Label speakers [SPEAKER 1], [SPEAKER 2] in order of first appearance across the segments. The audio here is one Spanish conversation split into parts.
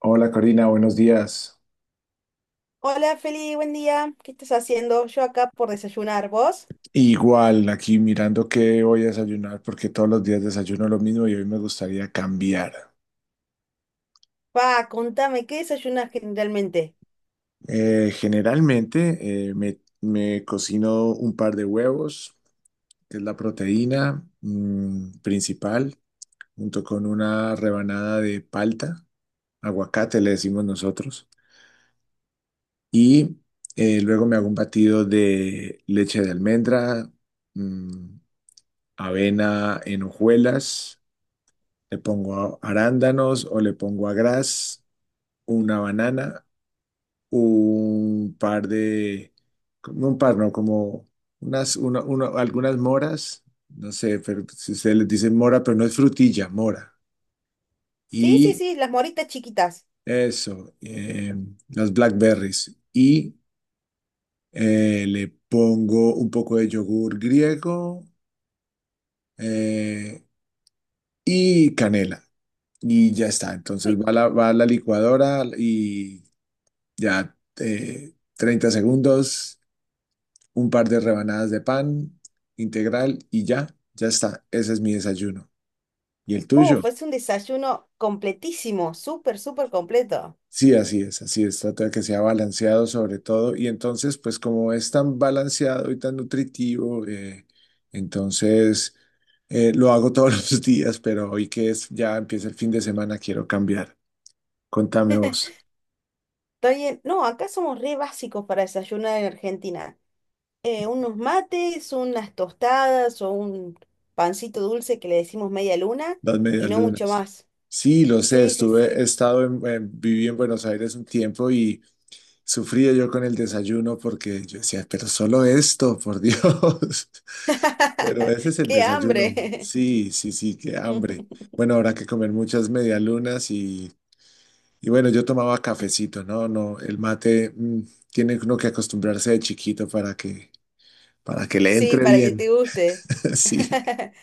[SPEAKER 1] Hola Corina, buenos días.
[SPEAKER 2] Hola Feli, buen día. ¿Qué estás haciendo? Yo acá por desayunar. ¿Vos?
[SPEAKER 1] Igual, aquí mirando qué voy a desayunar, porque todos los días desayuno lo mismo y hoy me gustaría cambiar.
[SPEAKER 2] Pa, contame, ¿qué desayunas generalmente?
[SPEAKER 1] Generalmente me cocino un par de huevos, que es la proteína principal, junto con una rebanada de palta, aguacate le decimos nosotros, y luego me hago un batido de leche de almendra, mm, avena en hojuelas. Le pongo arándanos o le pongo a gras, una banana, un par de, como un par, no, como algunas moras, no sé, pero si ustedes les dicen mora, pero no es frutilla, mora.
[SPEAKER 2] Sí, sí,
[SPEAKER 1] Y
[SPEAKER 2] sí, las moritas chiquitas.
[SPEAKER 1] eso, las blackberries. Y le pongo un poco de yogur griego eh, y canela. Y ya está. Entonces
[SPEAKER 2] Uy,
[SPEAKER 1] va a la licuadora y ya, 30 segundos, un par de rebanadas de pan integral y ya, ya está. Ese es mi desayuno. ¿Y el tuyo?
[SPEAKER 2] uf, es un desayuno completísimo, súper, súper completo.
[SPEAKER 1] Sí, así es, así es. Trata de que sea balanceado sobre todo. Y entonces, pues como es tan balanceado y tan nutritivo, entonces lo hago todos los días, pero hoy que es, ya empieza el fin de semana, quiero cambiar. Contame vos,
[SPEAKER 2] Está bien. No, acá somos re básicos para desayunar en Argentina. Unos mates, unas tostadas o un pancito dulce que le decimos media luna
[SPEAKER 1] las
[SPEAKER 2] y
[SPEAKER 1] medias
[SPEAKER 2] no mucho
[SPEAKER 1] lunas.
[SPEAKER 2] más.
[SPEAKER 1] Sí, lo sé,
[SPEAKER 2] Sí, sí,
[SPEAKER 1] estuve, he
[SPEAKER 2] sí.
[SPEAKER 1] estado viví en Buenos Aires un tiempo y sufría yo con el desayuno porque yo decía, pero solo esto, por Dios. Pero ese es el
[SPEAKER 2] ¡Qué
[SPEAKER 1] desayuno.
[SPEAKER 2] hambre!
[SPEAKER 1] Sí, sí, sí, qué hambre. Bueno, habrá que comer muchas medialunas y bueno, yo tomaba cafecito, ¿no? No, el mate tiene uno que acostumbrarse de chiquito para que le
[SPEAKER 2] Sí,
[SPEAKER 1] entre
[SPEAKER 2] para que
[SPEAKER 1] bien.
[SPEAKER 2] te guste.
[SPEAKER 1] Sí,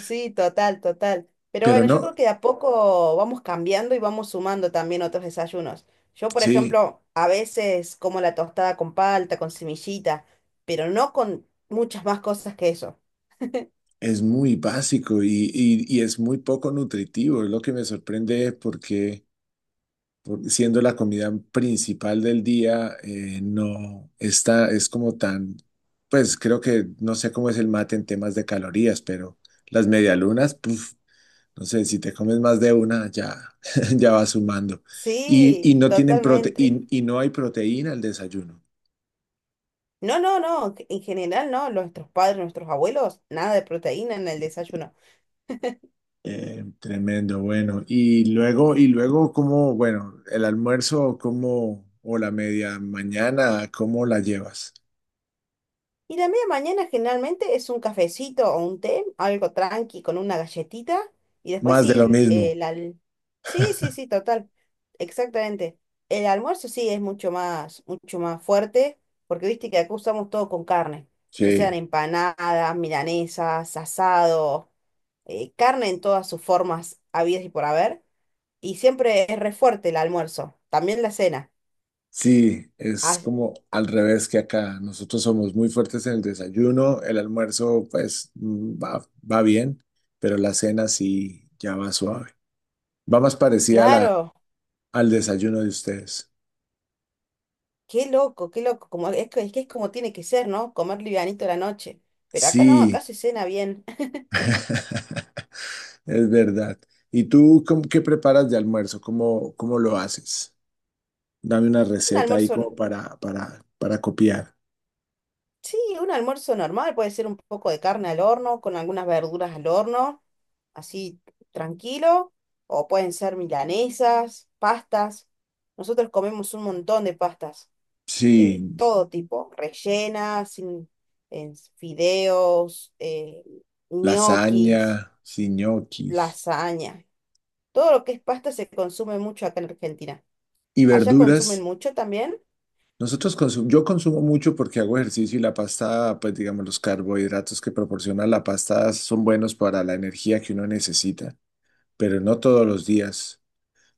[SPEAKER 2] Sí, total, total. Pero
[SPEAKER 1] pero
[SPEAKER 2] bueno, yo
[SPEAKER 1] no,
[SPEAKER 2] creo que de a poco vamos cambiando y vamos sumando también otros desayunos. Yo, por
[SPEAKER 1] sí,
[SPEAKER 2] ejemplo, a veces como la tostada con palta, con semillita, pero no con muchas más cosas que eso.
[SPEAKER 1] es muy básico y es muy poco nutritivo. Es lo que me sorprende porque siendo la comida principal del día, no está, es como tan, pues creo que no sé cómo es el mate en temas de calorías, pero las medialunas, puf, no sé, si te comes más de una, ya, ya va sumando. Y
[SPEAKER 2] Sí,
[SPEAKER 1] no tienen prote
[SPEAKER 2] totalmente.
[SPEAKER 1] y no hay proteína al desayuno.
[SPEAKER 2] No, no, no, en general no, nuestros padres, nuestros abuelos, nada de proteína en el desayuno.
[SPEAKER 1] Tremendo, bueno. Y luego, ¿cómo, bueno, el almuerzo, cómo, o la media mañana, cómo la llevas?
[SPEAKER 2] Y la media mañana generalmente es un cafecito o un té, algo tranqui con una galletita. Y después
[SPEAKER 1] Más de lo
[SPEAKER 2] sí,
[SPEAKER 1] mismo.
[SPEAKER 2] Sí, sí, sí, total. Exactamente. El almuerzo sí es mucho más fuerte, porque viste que acá usamos todo con carne, ya sean
[SPEAKER 1] Sí.
[SPEAKER 2] empanadas, milanesas, asado, carne en todas sus formas habidas y por haber. Y siempre es re fuerte el almuerzo, también la cena.
[SPEAKER 1] Sí,
[SPEAKER 2] Ah,
[SPEAKER 1] es como
[SPEAKER 2] ah,
[SPEAKER 1] al revés que acá. Nosotros somos muy fuertes en el desayuno, el almuerzo pues va, va bien, pero la cena sí ya va suave. Va más parecida
[SPEAKER 2] claro.
[SPEAKER 1] al desayuno de ustedes.
[SPEAKER 2] Qué loco, qué loco. Como, es, que es que es como tiene que ser, ¿no? Comer livianito a la noche. Pero acá no, acá
[SPEAKER 1] Sí,
[SPEAKER 2] se cena bien.
[SPEAKER 1] es verdad. ¿Y tú cómo- qué preparas de almuerzo? ¿Cómo, cómo lo haces? Dame una
[SPEAKER 2] Un
[SPEAKER 1] receta ahí
[SPEAKER 2] almuerzo,
[SPEAKER 1] como para copiar.
[SPEAKER 2] sí, un almuerzo normal. Puede ser un poco de carne al horno, con algunas verduras al horno, así tranquilo. O pueden ser milanesas, pastas. Nosotros comemos un montón de pastas,
[SPEAKER 1] Sí,
[SPEAKER 2] todo tipo, rellenas, en fideos, ñoquis,
[SPEAKER 1] lasaña, sí, ñoquis.
[SPEAKER 2] lasaña. Todo lo que es pasta se consume mucho acá en Argentina.
[SPEAKER 1] ¿Y
[SPEAKER 2] ¿Allá consumen
[SPEAKER 1] verduras?
[SPEAKER 2] mucho también?
[SPEAKER 1] Yo consumo mucho porque hago ejercicio y la pasta, pues digamos, los carbohidratos que proporciona la pasta son buenos para la energía que uno necesita, pero no todos los días.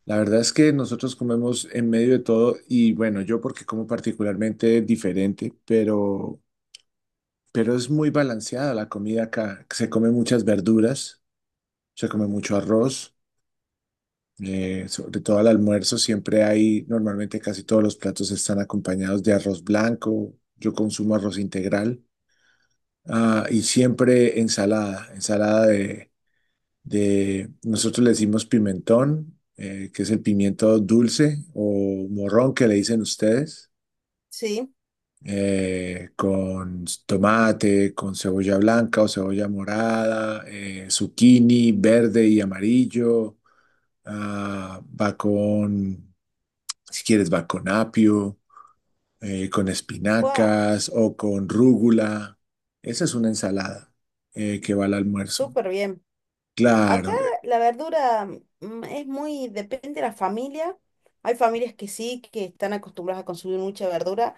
[SPEAKER 1] La verdad es que nosotros comemos en medio de todo y bueno, yo porque como particularmente diferente, pero es muy balanceada la comida acá. Se come muchas verduras, se come mucho arroz. Sobre todo al almuerzo siempre hay, normalmente casi todos los platos están acompañados de arroz blanco, yo consumo arroz integral, ah, y siempre ensalada, nosotros le decimos pimentón, que es el pimiento dulce o morrón que le dicen ustedes,
[SPEAKER 2] Sí,
[SPEAKER 1] con tomate, con cebolla blanca o cebolla morada, zucchini verde y amarillo, ah, va con si quieres, va con apio, con
[SPEAKER 2] ¡fua!
[SPEAKER 1] espinacas o con rúgula. Esa es una ensalada que va al almuerzo.
[SPEAKER 2] Súper bien. Acá
[SPEAKER 1] Claro,
[SPEAKER 2] la verdura es muy, depende de la familia. Hay familias que sí, que están acostumbradas a consumir mucha verdura,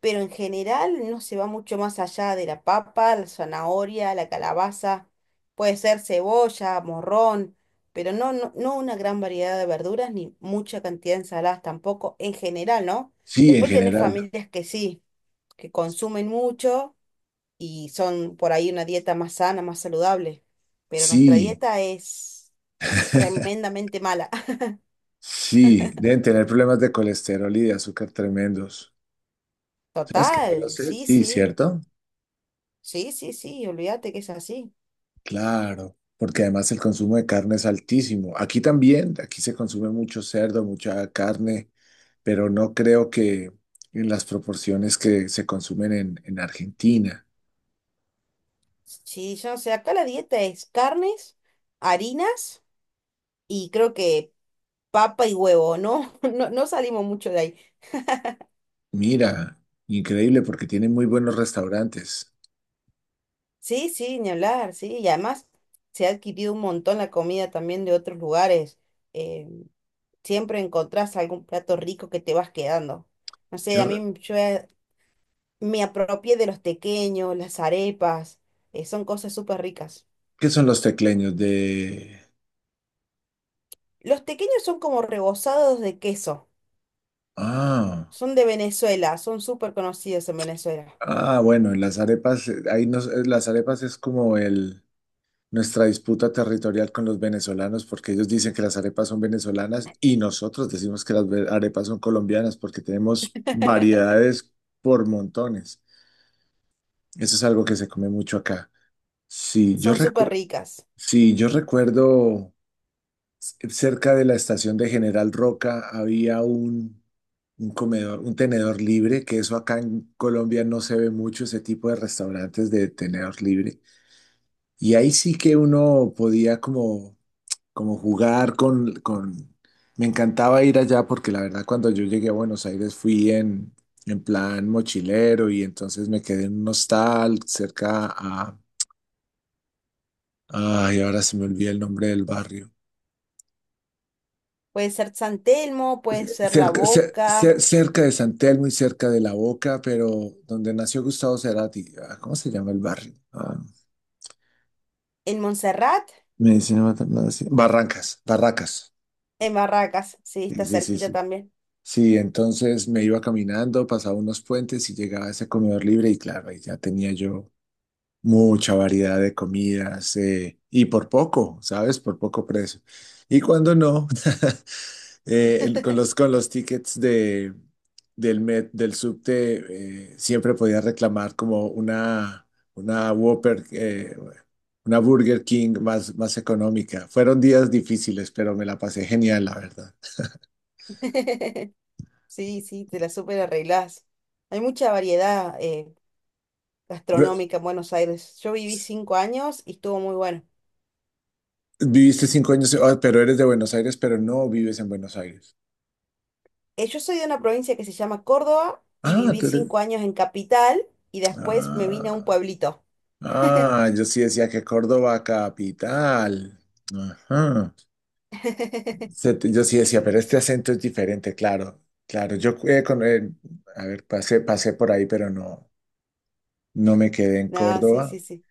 [SPEAKER 2] pero en general no se va mucho más allá de la papa, la zanahoria, la calabaza, puede ser cebolla, morrón, pero no, una gran variedad de verduras ni mucha cantidad de ensaladas tampoco, en general, ¿no?
[SPEAKER 1] sí, en
[SPEAKER 2] Después tenés
[SPEAKER 1] general.
[SPEAKER 2] familias que sí, que consumen mucho y son por ahí una dieta más sana, más saludable, pero nuestra
[SPEAKER 1] Sí,
[SPEAKER 2] dieta es tremendamente mala.
[SPEAKER 1] sí, deben tener problemas de colesterol y de azúcar tremendos. ¿Sabes que no
[SPEAKER 2] Total,
[SPEAKER 1] lo sé?
[SPEAKER 2] sí,
[SPEAKER 1] Sí,
[SPEAKER 2] sí,
[SPEAKER 1] ¿cierto?
[SPEAKER 2] sí, sí, sí, olvídate que es así.
[SPEAKER 1] Claro, porque además el consumo de carne es altísimo. Aquí también, aquí se consume mucho cerdo, mucha carne, pero no creo que en las proporciones que se consumen en Argentina.
[SPEAKER 2] Sí, yo no sé, acá la dieta es carnes, harinas y creo que papa y huevo, ¿no? No, no salimos mucho de ahí.
[SPEAKER 1] Mira, increíble porque tienen muy buenos restaurantes.
[SPEAKER 2] Sí, sí, ni hablar, sí, y además se ha adquirido un montón la comida también de otros lugares. Eh, siempre encontrás algún plato rico que te vas quedando. No sé,
[SPEAKER 1] Yo,
[SPEAKER 2] a
[SPEAKER 1] re-
[SPEAKER 2] mí yo he me apropié de los tequeños, las arepas, son cosas súper ricas.
[SPEAKER 1] ¿qué son los tecleños de...
[SPEAKER 2] Los tequeños son como rebozados de queso,
[SPEAKER 1] Ah,
[SPEAKER 2] son de Venezuela, son súper conocidos en Venezuela.
[SPEAKER 1] ah, bueno, en las arepas, las arepas es como el, nuestra disputa territorial con los venezolanos porque ellos dicen que las arepas son venezolanas y nosotros decimos que las arepas son colombianas porque tenemos variedades por montones. Eso es algo que se come mucho acá. Sí, yo
[SPEAKER 2] Son súper
[SPEAKER 1] recuerdo,
[SPEAKER 2] ricas.
[SPEAKER 1] sí, yo recuerdo. Cerca de la estación de General Roca un comedor, un tenedor libre, que eso acá en Colombia no se ve mucho, ese tipo de restaurantes de tenedor libre. Y ahí sí que uno podía como jugar con... Me encantaba ir allá porque la verdad cuando yo llegué a Buenos Aires fui en plan mochilero y entonces me quedé en un hostal cerca a... Ay, ahora se me olvida el nombre del barrio.
[SPEAKER 2] Puede ser San Telmo, puede ser La
[SPEAKER 1] Cerca,
[SPEAKER 2] Boca,
[SPEAKER 1] cerca de San Telmo y cerca de La Boca, pero donde nació Gustavo Cerati. Ah, ¿cómo se llama el barrio? Ah,
[SPEAKER 2] en Montserrat,
[SPEAKER 1] Medicina Maternal, sí. Barrancas, Barracas.
[SPEAKER 2] en Barracas, sí,
[SPEAKER 1] Sí,
[SPEAKER 2] está
[SPEAKER 1] sí, sí,
[SPEAKER 2] cerquita
[SPEAKER 1] sí.
[SPEAKER 2] también.
[SPEAKER 1] Sí, entonces me iba caminando, pasaba unos puentes y llegaba a ese comedor libre y claro, ahí ya tenía yo mucha variedad de comidas y por poco, ¿sabes? Por poco precio. Y cuando no, con los tickets Met- del subte siempre podía reclamar como una Whopper, una Burger King más, más económica. Fueron días difíciles, pero me la pasé genial, la verdad.
[SPEAKER 2] Sí, sí, te la súper arreglás. Hay mucha variedad
[SPEAKER 1] Re-
[SPEAKER 2] gastronómica en Buenos Aires. Yo viví 5 años y estuvo muy bueno.
[SPEAKER 1] viviste 5 años, ah, pero eres de Buenos Aires, pero no vives en Buenos Aires.
[SPEAKER 2] Yo soy de una provincia que se llama Córdoba y
[SPEAKER 1] Ah,
[SPEAKER 2] viví
[SPEAKER 1] tú
[SPEAKER 2] cinco
[SPEAKER 1] eres...
[SPEAKER 2] años en capital y después me vine a un
[SPEAKER 1] Ah,
[SPEAKER 2] pueblito.
[SPEAKER 1] ah, yo sí decía que Córdoba capital. Ajá. Se- yo sí decía,
[SPEAKER 2] Sí,
[SPEAKER 1] pero este
[SPEAKER 2] sí.
[SPEAKER 1] acento es diferente, claro, claro. Yo, a ver, pasé por ahí, pero no, no me quedé en
[SPEAKER 2] No, sí,
[SPEAKER 1] Córdoba
[SPEAKER 2] sí, sí.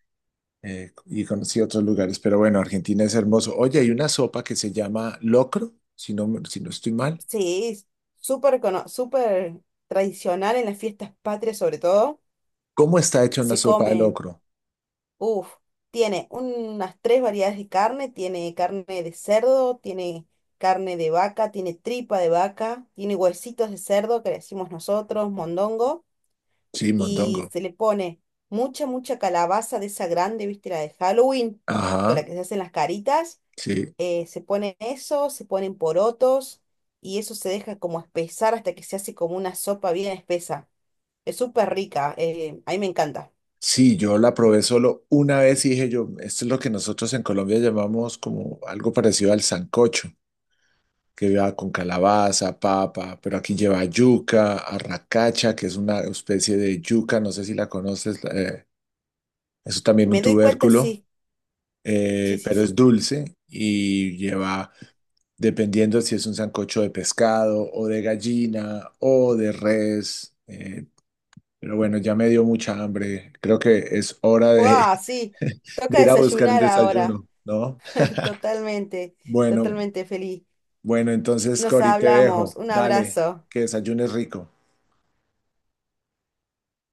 [SPEAKER 1] y conocí otros lugares. Pero bueno, Argentina es hermoso. Oye, hay una sopa que se llama locro, si no, si no estoy mal.
[SPEAKER 2] Sí, es súper tradicional en las fiestas patrias sobre todo.
[SPEAKER 1] ¿Cómo está hecha una
[SPEAKER 2] Se
[SPEAKER 1] sopa de
[SPEAKER 2] come,
[SPEAKER 1] locro?
[SPEAKER 2] uff, tiene unas 3 variedades de carne, tiene carne de cerdo, tiene carne de vaca, tiene tripa de vaca, tiene huesitos de cerdo que le decimos nosotros, mondongo.
[SPEAKER 1] Sí, mondongo.
[SPEAKER 2] Y se le pone mucha, mucha calabaza de esa grande, viste, la de Halloween, con la
[SPEAKER 1] Ajá,
[SPEAKER 2] que se hacen las caritas,
[SPEAKER 1] sí.
[SPEAKER 2] se pone eso, se ponen porotos y eso se deja como espesar hasta que se hace como una sopa bien espesa. Es súper rica, a mí me encanta.
[SPEAKER 1] Sí, yo la probé solo una vez y dije yo, esto es lo que nosotros en Colombia llamamos como algo parecido al sancocho, que lleva con calabaza, papa, pero aquí lleva yuca, arracacha, que es una especie de yuca, no sé si la conoces, es también un
[SPEAKER 2] Me doy cuenta,
[SPEAKER 1] tubérculo,
[SPEAKER 2] sí, sí, sí,
[SPEAKER 1] pero es
[SPEAKER 2] sí.
[SPEAKER 1] dulce y lleva, dependiendo si es un sancocho de pescado o de gallina o de res, pero bueno, ya me dio mucha hambre, creo que es hora de,
[SPEAKER 2] ¡Wow! Sí,
[SPEAKER 1] de
[SPEAKER 2] toca
[SPEAKER 1] ir a buscar el
[SPEAKER 2] desayunar ahora.
[SPEAKER 1] desayuno, ¿no?
[SPEAKER 2] Totalmente,
[SPEAKER 1] Bueno,
[SPEAKER 2] totalmente feliz.
[SPEAKER 1] bueno, entonces
[SPEAKER 2] Nos
[SPEAKER 1] Cori, te
[SPEAKER 2] hablamos,
[SPEAKER 1] dejo,
[SPEAKER 2] un
[SPEAKER 1] dale,
[SPEAKER 2] abrazo.
[SPEAKER 1] que desayunes rico.